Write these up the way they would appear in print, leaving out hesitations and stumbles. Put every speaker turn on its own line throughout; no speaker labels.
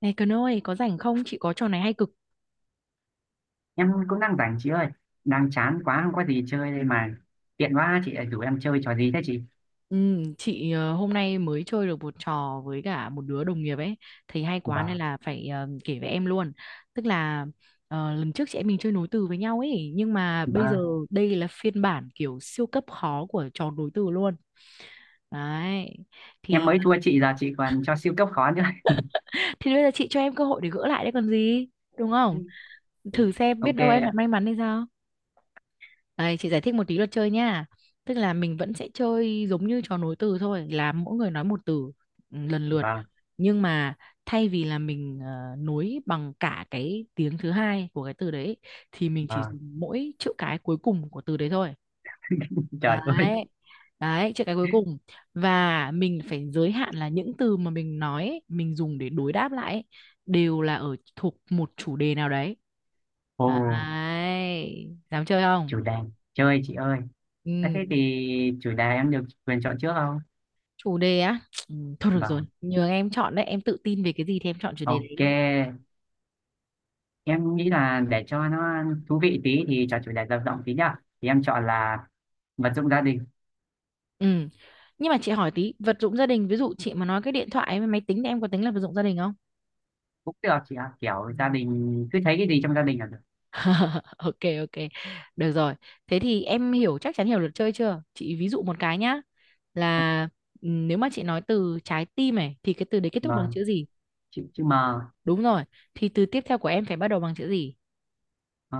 Này Cần ơi, có rảnh không? Chị có trò này hay cực.
Em cũng đang rảnh chị ơi, đang chán quá không có gì chơi đây mà. Tiện quá, chị lại rủ em chơi trò gì thế chị?
Ừ, chị hôm nay mới chơi được một trò với cả một đứa đồng nghiệp ấy. Thấy hay quá nên
Vâng,
là phải kể với em luôn. Tức là lần trước chị em mình chơi nối từ với nhau ấy. Nhưng mà bây giờ
vâng,
đây là phiên bản kiểu siêu cấp khó của trò nối từ luôn. Đấy.
em
Thì
mới thua chị, giờ chị còn cho siêu cấp khó nữa.
thì bây giờ chị cho em cơ hội để gỡ lại đấy còn gì. Đúng không? Thử xem biết
Ok
đâu em lại
ạ.
may mắn hay sao. Đây, chị giải thích một tí luật chơi nha. Tức là mình vẫn sẽ chơi giống như trò nối từ thôi, là mỗi người nói một từ lần lượt.
Vâng,
Nhưng mà thay vì là mình nối bằng cả cái tiếng thứ hai của cái từ đấy thì mình chỉ
vâng,
dùng mỗi chữ cái cuối cùng của từ đấy thôi.
trời ơi.
Đấy. Đấy, chữ cái cuối cùng. Và mình phải giới hạn là những từ mà mình nói, ấy, mình dùng để đối đáp lại ấy, đều là ở thuộc một chủ đề nào đấy.
Ồ,
Đấy. Dám chơi không?
chủ đề. Chơi chị ơi. À,
Ừ.
thế thì chủ đề em được quyền chọn trước không?
Chủ đề á, thôi được rồi,
Vâng,
nhường em chọn đấy, em tự tin về cái gì thì em chọn chủ đề đấy
ok.
đi.
Em nghĩ là để cho nó thú vị tí thì chọn chủ đề rộng rộng tí nhá. Thì em chọn là vật dụng gia đình.
Ừ, nhưng mà chị hỏi tí, vật dụng gia đình ví dụ chị mà nói cái điện thoại với máy tính thì em có tính là vật dụng gia đình không?
Cũng được chị ạ, kiểu
Ừ.
gia đình cứ thấy cái gì trong gia đình là được.
Ok ok, được rồi, thế thì em hiểu, chắc chắn hiểu luật chơi chưa, chị ví dụ một cái nhá. Là nếu mà chị nói từ trái tim này thì cái từ đấy kết thúc bằng
Vâng.
chữ gì?
Chị mà.
Đúng rồi, thì từ tiếp theo của em phải bắt đầu bằng chữ gì?
ờ,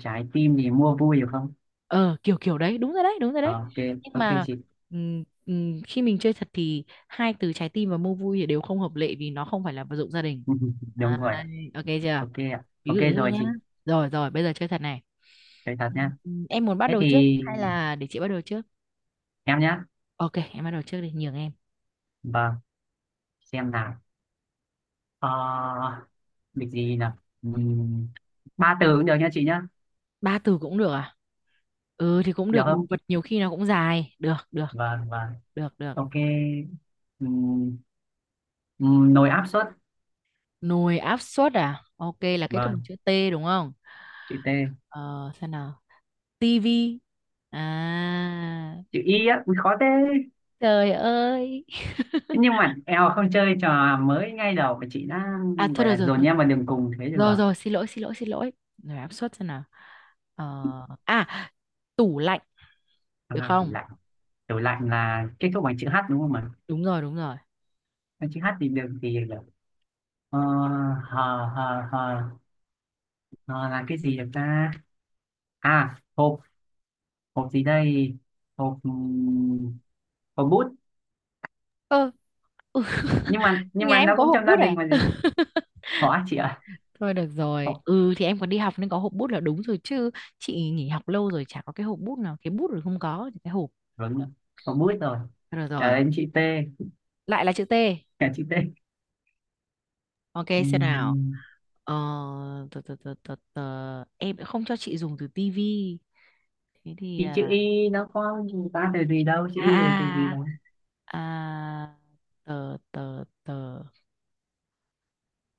Trái tim thì mua vui được không?
Ờ kiểu kiểu đấy, đúng rồi đấy, đúng rồi
Ờ,
đấy.
ok,
Nhưng
ok
mà
chị.
khi mình chơi thật thì hai từ trái tim và mua vui thì đều không hợp lệ vì nó không phải là vật dụng gia đình.
Đúng rồi ạ.
Đấy, ok chưa,
Ok ạ,
ví
ok
dụ thế thôi
rồi
nhá,
chị.
rồi rồi bây giờ chơi thật này.
Chơi thật nha.
Em muốn bắt
Thế
đầu trước
thì
hay là để chị bắt đầu trước?
em nhá.
Ok em bắt đầu trước đi, nhường em.
Vâng, xem nào. Ờ, Việc gì nào. Ba từ cũng được nha chị nhá.
Ba từ cũng được à? Ừ thì cũng
Được
được, đồ
không?
vật nhiều khi nó cũng dài, được được,
Vâng, vâng.
được được.
Ok. Ừm, Nồi áp suất.
Nồi áp suất à, ok, là kết thúc bằng
Vâng,
chữ T đúng không?
chữ T.
Ờ xem nào. Tivi. À,
Chữ Y á, ui, khó thế.
trời ơi.
Nhưng mà eo, không, chơi trò mới ngay đầu mà chị đã
À thôi
gọi
được
là
rồi,
dồn
thôi được,
em vào đường cùng thế được
rồi rồi
à?
rồi, xin lỗi xin lỗi xin lỗi. Áp suất xem nào. ờ, à Tủ lạnh, được
À, tủ
không?
lạnh. Kiểu lạnh là kết thúc bằng chữ H đúng không ạ?
Đúng rồi, đúng rồi.
Cái chữ H thì được, thì được. Ờ, Hờ, hờ, hờ, hờ là cái gì được ta? À, hộp, hộp gì đây? Hộp, hộp bút.
Ờ,
Nhưng mà nhưng
nhà
mà
em
nó
có
cũng
hộp
trong gia
bút
đình
à?
mà gì? Khó chị ạ.
Thôi được rồi,
Hộp,
ừ thì em còn đi học nên có hộp bút là đúng rồi chứ. Chị nghỉ học lâu rồi chả có cái hộp bút nào, cái bút rồi không có thì cái hộp.
đúng rồi. Hộp bút rồi.
Rồi
Trả
rồi.
đến chữ T,
Lại là chữ T.
cả chữ T.
Ok xem nào.
Ừm,
Ờ, tờ, tờ, tờ, tờ, tờ. Em lại không cho chị dùng từ tivi. Thế thì
thì chữ Y nó có gì ta, từ gì đâu, chữ Y là từ gì
à,
đâu.
à tờ tờ tờ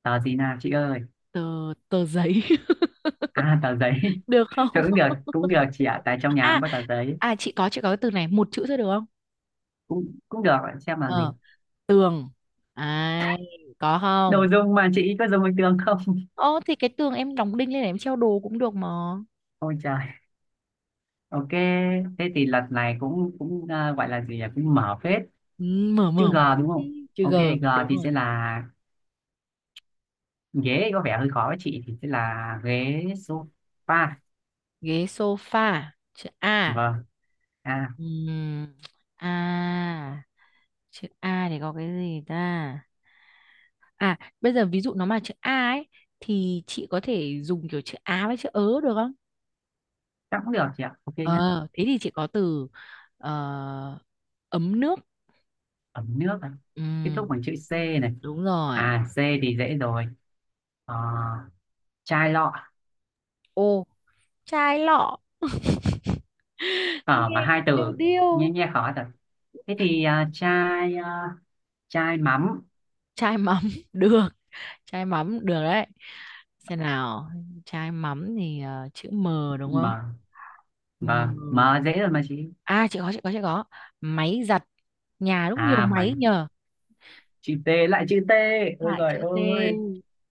Tờ gì nào chị ơi?
tờ tờ giấy.
À, tờ giấy.
Được không?
Thôi cũng được chị ạ. Tại trong nhà
à
cũng có tờ giấy.
chị có, chị có cái từ này một chữ thôi được không?
Cũng cũng được, bạn xem là gì?
Ờ, ai, có
Đồ
không?
dùng mà chị có dùng bình thường không?
Ô thì cái tường em đóng đinh lên để em treo đồ cũng được mà.
Ôi trời. Ok. Thế thì lần này cũng cũng à, gọi là gì nhỉ, cũng mở phết.
Ừ, mở
Chữ
mở
G
một chút
đúng không?
đi. Chữ G.
Ok. G
Đúng
thì
rồi.
sẽ là ghế, có vẻ hơi khó với chị, thì sẽ là ghế sofa.
Ghế sofa, chữ A.
Vâng, à
Ừm, A, chữ A thì có cái gì ta. À, bây giờ ví dụ nó mà chữ A ấy thì chị có thể dùng kiểu chữ á với chữ ớ được không?
chắc cũng được chị ạ, ok nhé.
Ờ, thế thì chị có từ ờ, ấm nước.
Ấm nước này
Ừ,
kết thúc bằng chữ C này.
đúng rồi.
À, C thì dễ rồi. Ờ, Chai lọ.
Ô, chai lọ,
Ở mà
nghe cái
hai
điêu
từ, nghe
điêu.
nghe khó thật. Thế thì à, chai mắm
Chai mắm được, chai mắm được đấy. Xem nào, chai mắm thì chữ M đúng không?
mà. Và
M.
mà dễ rồi mà chị.
À, chị có. Máy giặt. Nhà lúc nhiều
À
máy
mày,
nhờ.
chữ T, lại chữ T. Ôi
Lại
giời
chữ T.
ơi.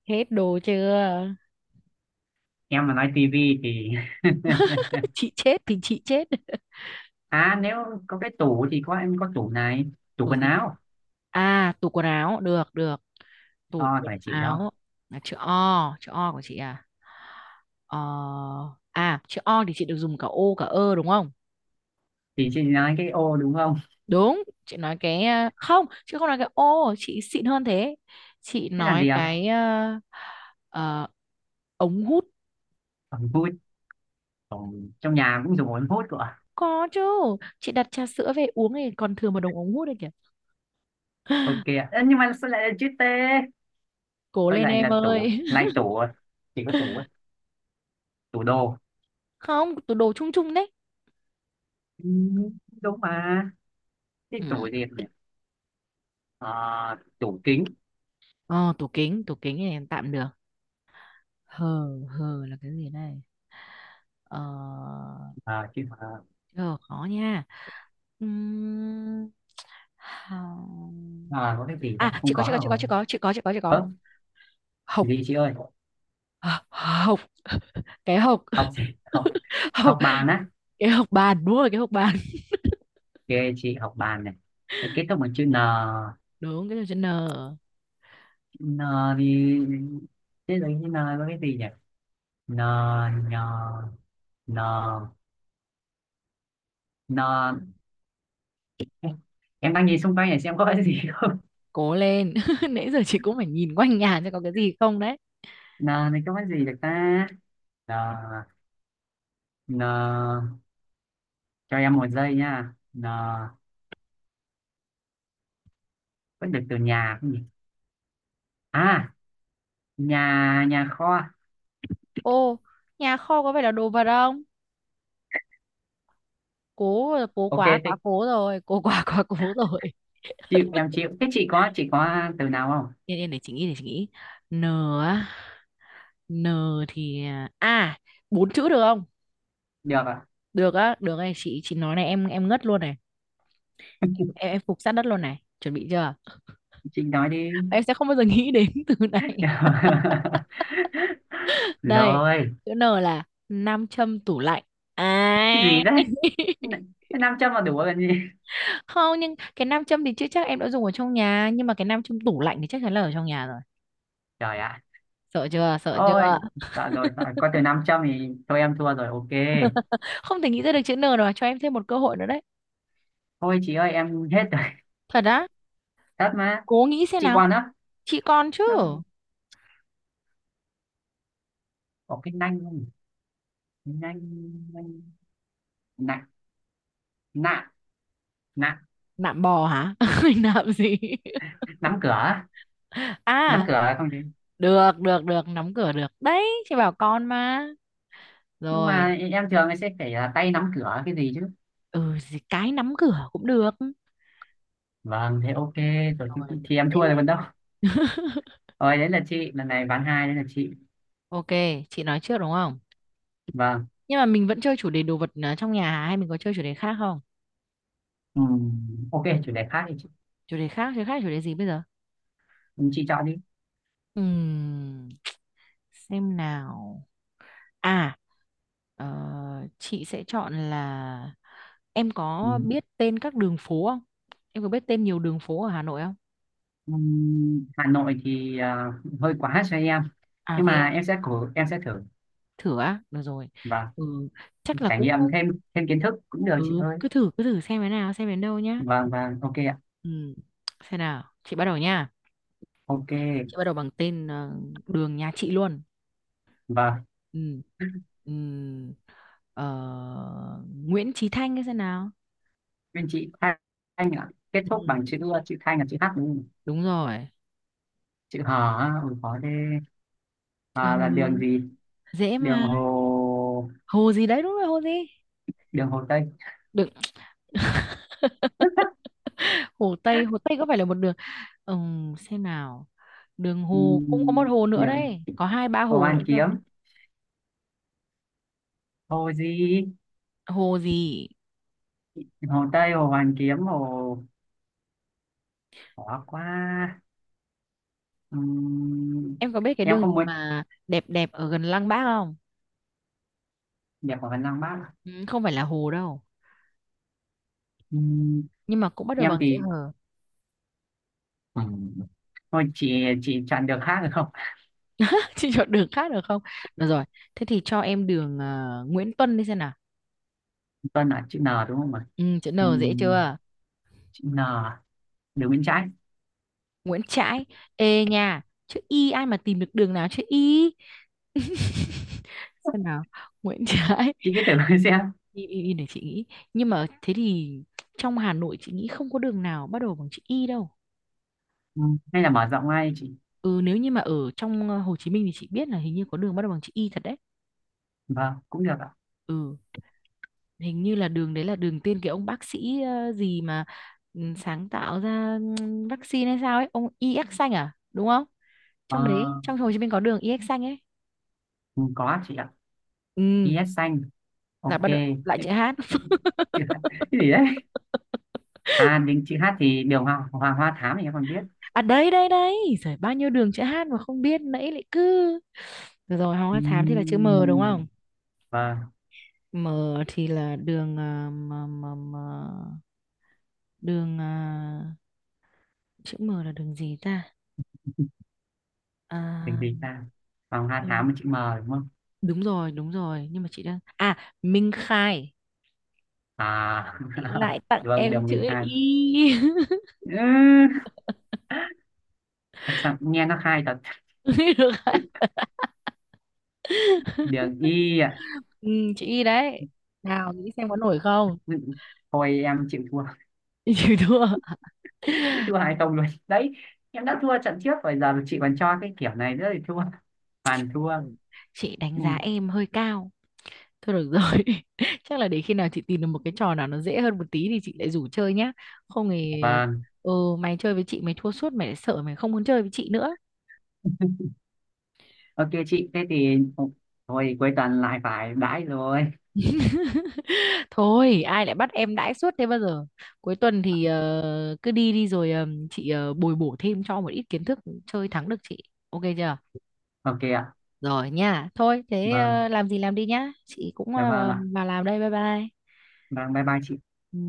Hết đồ chưa?
Em mà nói tivi thì...
Chị chết thì chị chết.
À nếu có cái tủ thì có, em có tủ này, tủ
Tủ
quần
gì,
áo.
à tủ quần áo được được, tủ
Ờ
quần
phải chị đó.
áo là chữ O. Chữ O của chị à. ờ, Chữ O thì chị được dùng cả ô cả ơ đúng không?
Thì chị nói cái ô đúng không?
Đúng, chị nói cái không, chị không nói cái ô, chị xịn hơn thế. Chị
Thế là
nói
gì ạ?
cái ờ, ống hút.
Ống hút. Ờ, Trong nhà cũng dùng ống hút của ạ.
Có chứ, chị đặt trà sữa về uống thì còn thừa một đống ống hút đấy kìa.
Ok ạ. Ơ, nhưng mà sao lại là chữ T?
Cố
Thôi
lên
lại
em
là tủ,
ơi.
lại tủ à? Chỉ có tủ á, tủ đồ.
Không, tủ đồ chung chung đấy.
Ừ, đúng mà. Cái tủ
Ừ.
gì nhỉ? Ờ, Tủ kính.
Ờ, tủ kính, tủ kính thì tạm được. Hờ hờ là cái gì đây. ờ
À, chứ,
Chờ khó nha. Ừm, hà-
à, có cái gì con
à
không
chị có
có
chị
là
có chị có
rồi.
chị có chị có chị có chị có
Ơ
hộc.
gì chị ơi?
Ờ, hộc cái hộc.
Học gì? Học,
Hộc,
học bàn á.
cái hộc bàn, đúng rồi, cái hộc bàn.
Kệ chị, học bàn này. Thế kết thúc bằng chữ n.
Đúng, cái từ chữ n.
Chữ n thì... thế rồi chữ n có cái gì nhỉ? N, n, n, n, em đang nhìn xung quanh này xem có cái gì không.
Cố lên. Nãy giờ chị cũng phải nhìn quanh nhà xem có cái gì không đấy.
N này có cái gì được ta? N, n, cho em một giây nha. N, vẫn được từ nhà không nhỉ? À, nhà nhà kho.
Ô, nhà kho có phải là đồ vật không? Cố là cố
Ok
quá, quá
thế,
cố rồi, cố quá, quá cố rồi.
chịu, em chịu. Thế chị có từ nào không?
Yên yên để chị nghĩ, để chị nghĩ. N á. N thì bốn chữ được không?
Được à?
Được á, được này, chị nói này em ngất luôn này. Em phục sát đất luôn này. Chuẩn bị chưa?
Chị nói đi.
Em sẽ không bao giờ nghĩ đến từ này. Đây,
Rồi.
chữ N là nam châm tủ lạnh.
Cái gì
À,
đấy? Cái 500 là đủ rồi còn gì.
không nhưng cái nam châm thì chưa chắc em đã dùng ở trong nhà, nhưng mà cái nam châm tủ lạnh thì chắc chắn là ở trong nhà rồi.
Trời ạ.
Sợ chưa? Sợ
Ôi,
chưa?
sợ rồi, sợ, có từ 500 thì thôi em thua rồi, ok.
Không thể nghĩ ra được chữ N rồi, cho em thêm một cơ hội nữa đấy.
Thôi chị ơi, em hết rồi.
Thật á?
Thật mà.
Cố nghĩ xem
Chị
nào.
còn á?
Chị con chứ.
Năm- có cái nanh không? Cái nanh, nanh, nặng, nặng, nặng,
Nạm bò hả? Nạm gì?
nắm cửa. Nắm
À,
cửa không chứ?
được được được, nắm cửa được đấy, chị bảo con mà.
Nhưng
Rồi,
mà em thường sẽ phải là tay nắm cửa cái gì chứ.
ừ gì cái nắm cửa cũng được.
Vâng, thế ok. Rồi, thì
Rồi.
thì em
Thế
thua rồi
nên-
còn đâu. Rồi, đấy là chị. Lần này ván 2, đấy là chị.
Ok, chị nói trước đúng không,
Vâng.
nhưng mà mình vẫn chơi chủ đề đồ vật à, trong nhà hả? Hay mình có chơi chủ đề khác không?
Ok, chủ đề khác thì chị,
Chủ đề khác chơi khác, chủ đề gì bây giờ.
chị chọn đi.
Ừm, xem nào, à ờ, chị sẽ chọn là em có
Ừm,
biết tên các đường phố không, em có biết tên nhiều đường phố ở Hà Nội không?
Hà Nội thì à, hơi quá cho em.
À
Nhưng
thế
mà
à.
em sẽ cố, em sẽ thử.
Thử á, được rồi.
Và
Ừ chắc là
trải
cũng,
nghiệm thêm thêm kiến thức cũng được chị
ừ
ơi.
cứ thử, cứ thử xem thế nào, xem đến đâu nhá.
Vâng, vâng, ok ạ.
Ừ xem nào, chị bắt đầu nha.
Ok,
Chị bắt đầu bằng tên đường nhà chị luôn.
vâng.
ừ ừ ờ, Nguyễn Chí Thanh, cái xem nào.
Bên chị Thanh ạ. Kết thúc
Ừ
bằng chữ ưa, chữ Thanh là chữ H đúng không?
đúng rồi.
Chữ Hò á, ôi khó thế.
Chữ H
À, là đường gì?
dễ
Đường
mà.
Hồ...
Hồ gì đấy, đúng rồi, hồ gì.
Đường Hồ Tây.
Đừng, hồ Tây, hồ Tây có phải là một đường. Ừ, xem nào, đường hồ cũng có một hồ nữa
Điểm
đấy, có hai ba
Hồ
hồ
Hoàn
nữa cơ.
Kiếm, hồ gì,
Hồ gì?
hồ Tây, hồ Hoàn Kiếm, hồ khó quá. Ừm,
Em có biết cái
em
đường
không
gì
muốn
mà đẹp đẹp ở gần Lăng Bác không?
điểm của Văn Lang Bác.
Ừ, không phải là hồ đâu.
Ừm,
Nhưng mà cũng bắt đầu
em
bằng chữ
thì
hờ.
ừm, thôi, chị chọn được khác được không?
Chị chọn đường khác được không? Được rồi. Thế thì cho em đường Nguyễn Tuân đi xem nào.
Tuân là chữ N đúng không ạ?
Ừ, chữ N dễ
Ừm,
chưa?
Chữ N, đường bên trái.
Nguyễn Trãi. Ê nha. Chữ Y ai mà tìm được đường nào chữ Y? Xem nào. Nguyễn Trãi.
Chị cứ thử xem.
Y, y, y để chị nghĩ. Nhưng mà thế thì trong Hà Nội chị nghĩ không có đường nào bắt đầu bằng chữ Y đâu.
Hay là mở rộng ngay chị.
Ừ, nếu như mà ở trong Hồ Chí Minh thì chị biết là hình như có đường bắt đầu bằng chữ Y thật đấy.
Vâng, cũng được ạ.
Ừ. Hình như là đường đấy là đường tên cái ông bác sĩ gì mà sáng tạo ra vaccine hay sao ấy, ông EX xanh à đúng không,
Ờ,
trong đấy trong Hồ Chí Minh có đường EX xanh ấy.
có chị ạ.
Ừ,
IS xanh.
là
Ok.
bắt đầu lại
Thế-
chữ hát.
thế- cái gì đấy. À, đến chữ hát thì đường Hoàng Hoàng Hoa Thám thì em còn biết.
À đấy đấy đấy, rồi bao nhiêu đường chữ hát mà không biết, nãy lại cứ. Được rồi, Hoàng Hoa Thám thì là chữ M đúng
Ừm,
không?
Vâng,
M thì là đường à, m, m, m, đường à, chữ M là đường gì ta.
mình
À,
gì ta? Hoàng Hoa Thám
đường-
với chữ M đúng không?
đúng rồi nhưng mà chị đang à Minh Khai.
À,
Chị lại tặng
đường
em
đường mình
chữ
khai.
Y.
Ừ, sao nghe nó khai thật.
Được đấy.
Đường Y ạ.
Ừ, chữ Y đấy, nào nghĩ xem có nổi không.
Ừ, thôi em chịu thua.
Chịu thua.
Thua hay không luôn. Đấy, em đã thua trận trước rồi giờ chị còn cho cái kiểu này nữa thì thua. Hoàn thua.
Ừ, chị đánh
Ừ,
giá em hơi cao. Thôi được rồi. Chắc là để khi nào chị tìm được một cái trò nào nó dễ hơn một tí thì chị lại rủ chơi nhá, không thì
vâng,
ừ mày chơi với chị mày thua suốt mày lại sợ mày không muốn chơi với chị nữa.
ok chị. Thế thì thôi, cuối tuần lại phải đãi rồi.
Thôi, ai lại bắt em đãi suốt thế bao giờ? Cuối tuần thì cứ đi đi rồi chị bồi bổ thêm cho một ít kiến thức, chơi thắng được chị. Ok chưa?
Ok ạ.
Rồi nha. Thôi, thế
Vâng,
làm gì làm đi nhá. Chị cũng
dạ vâng
vào
ạ.
vào làm đây. Bye bye.
Vâng, bye bye chị.
Ừ.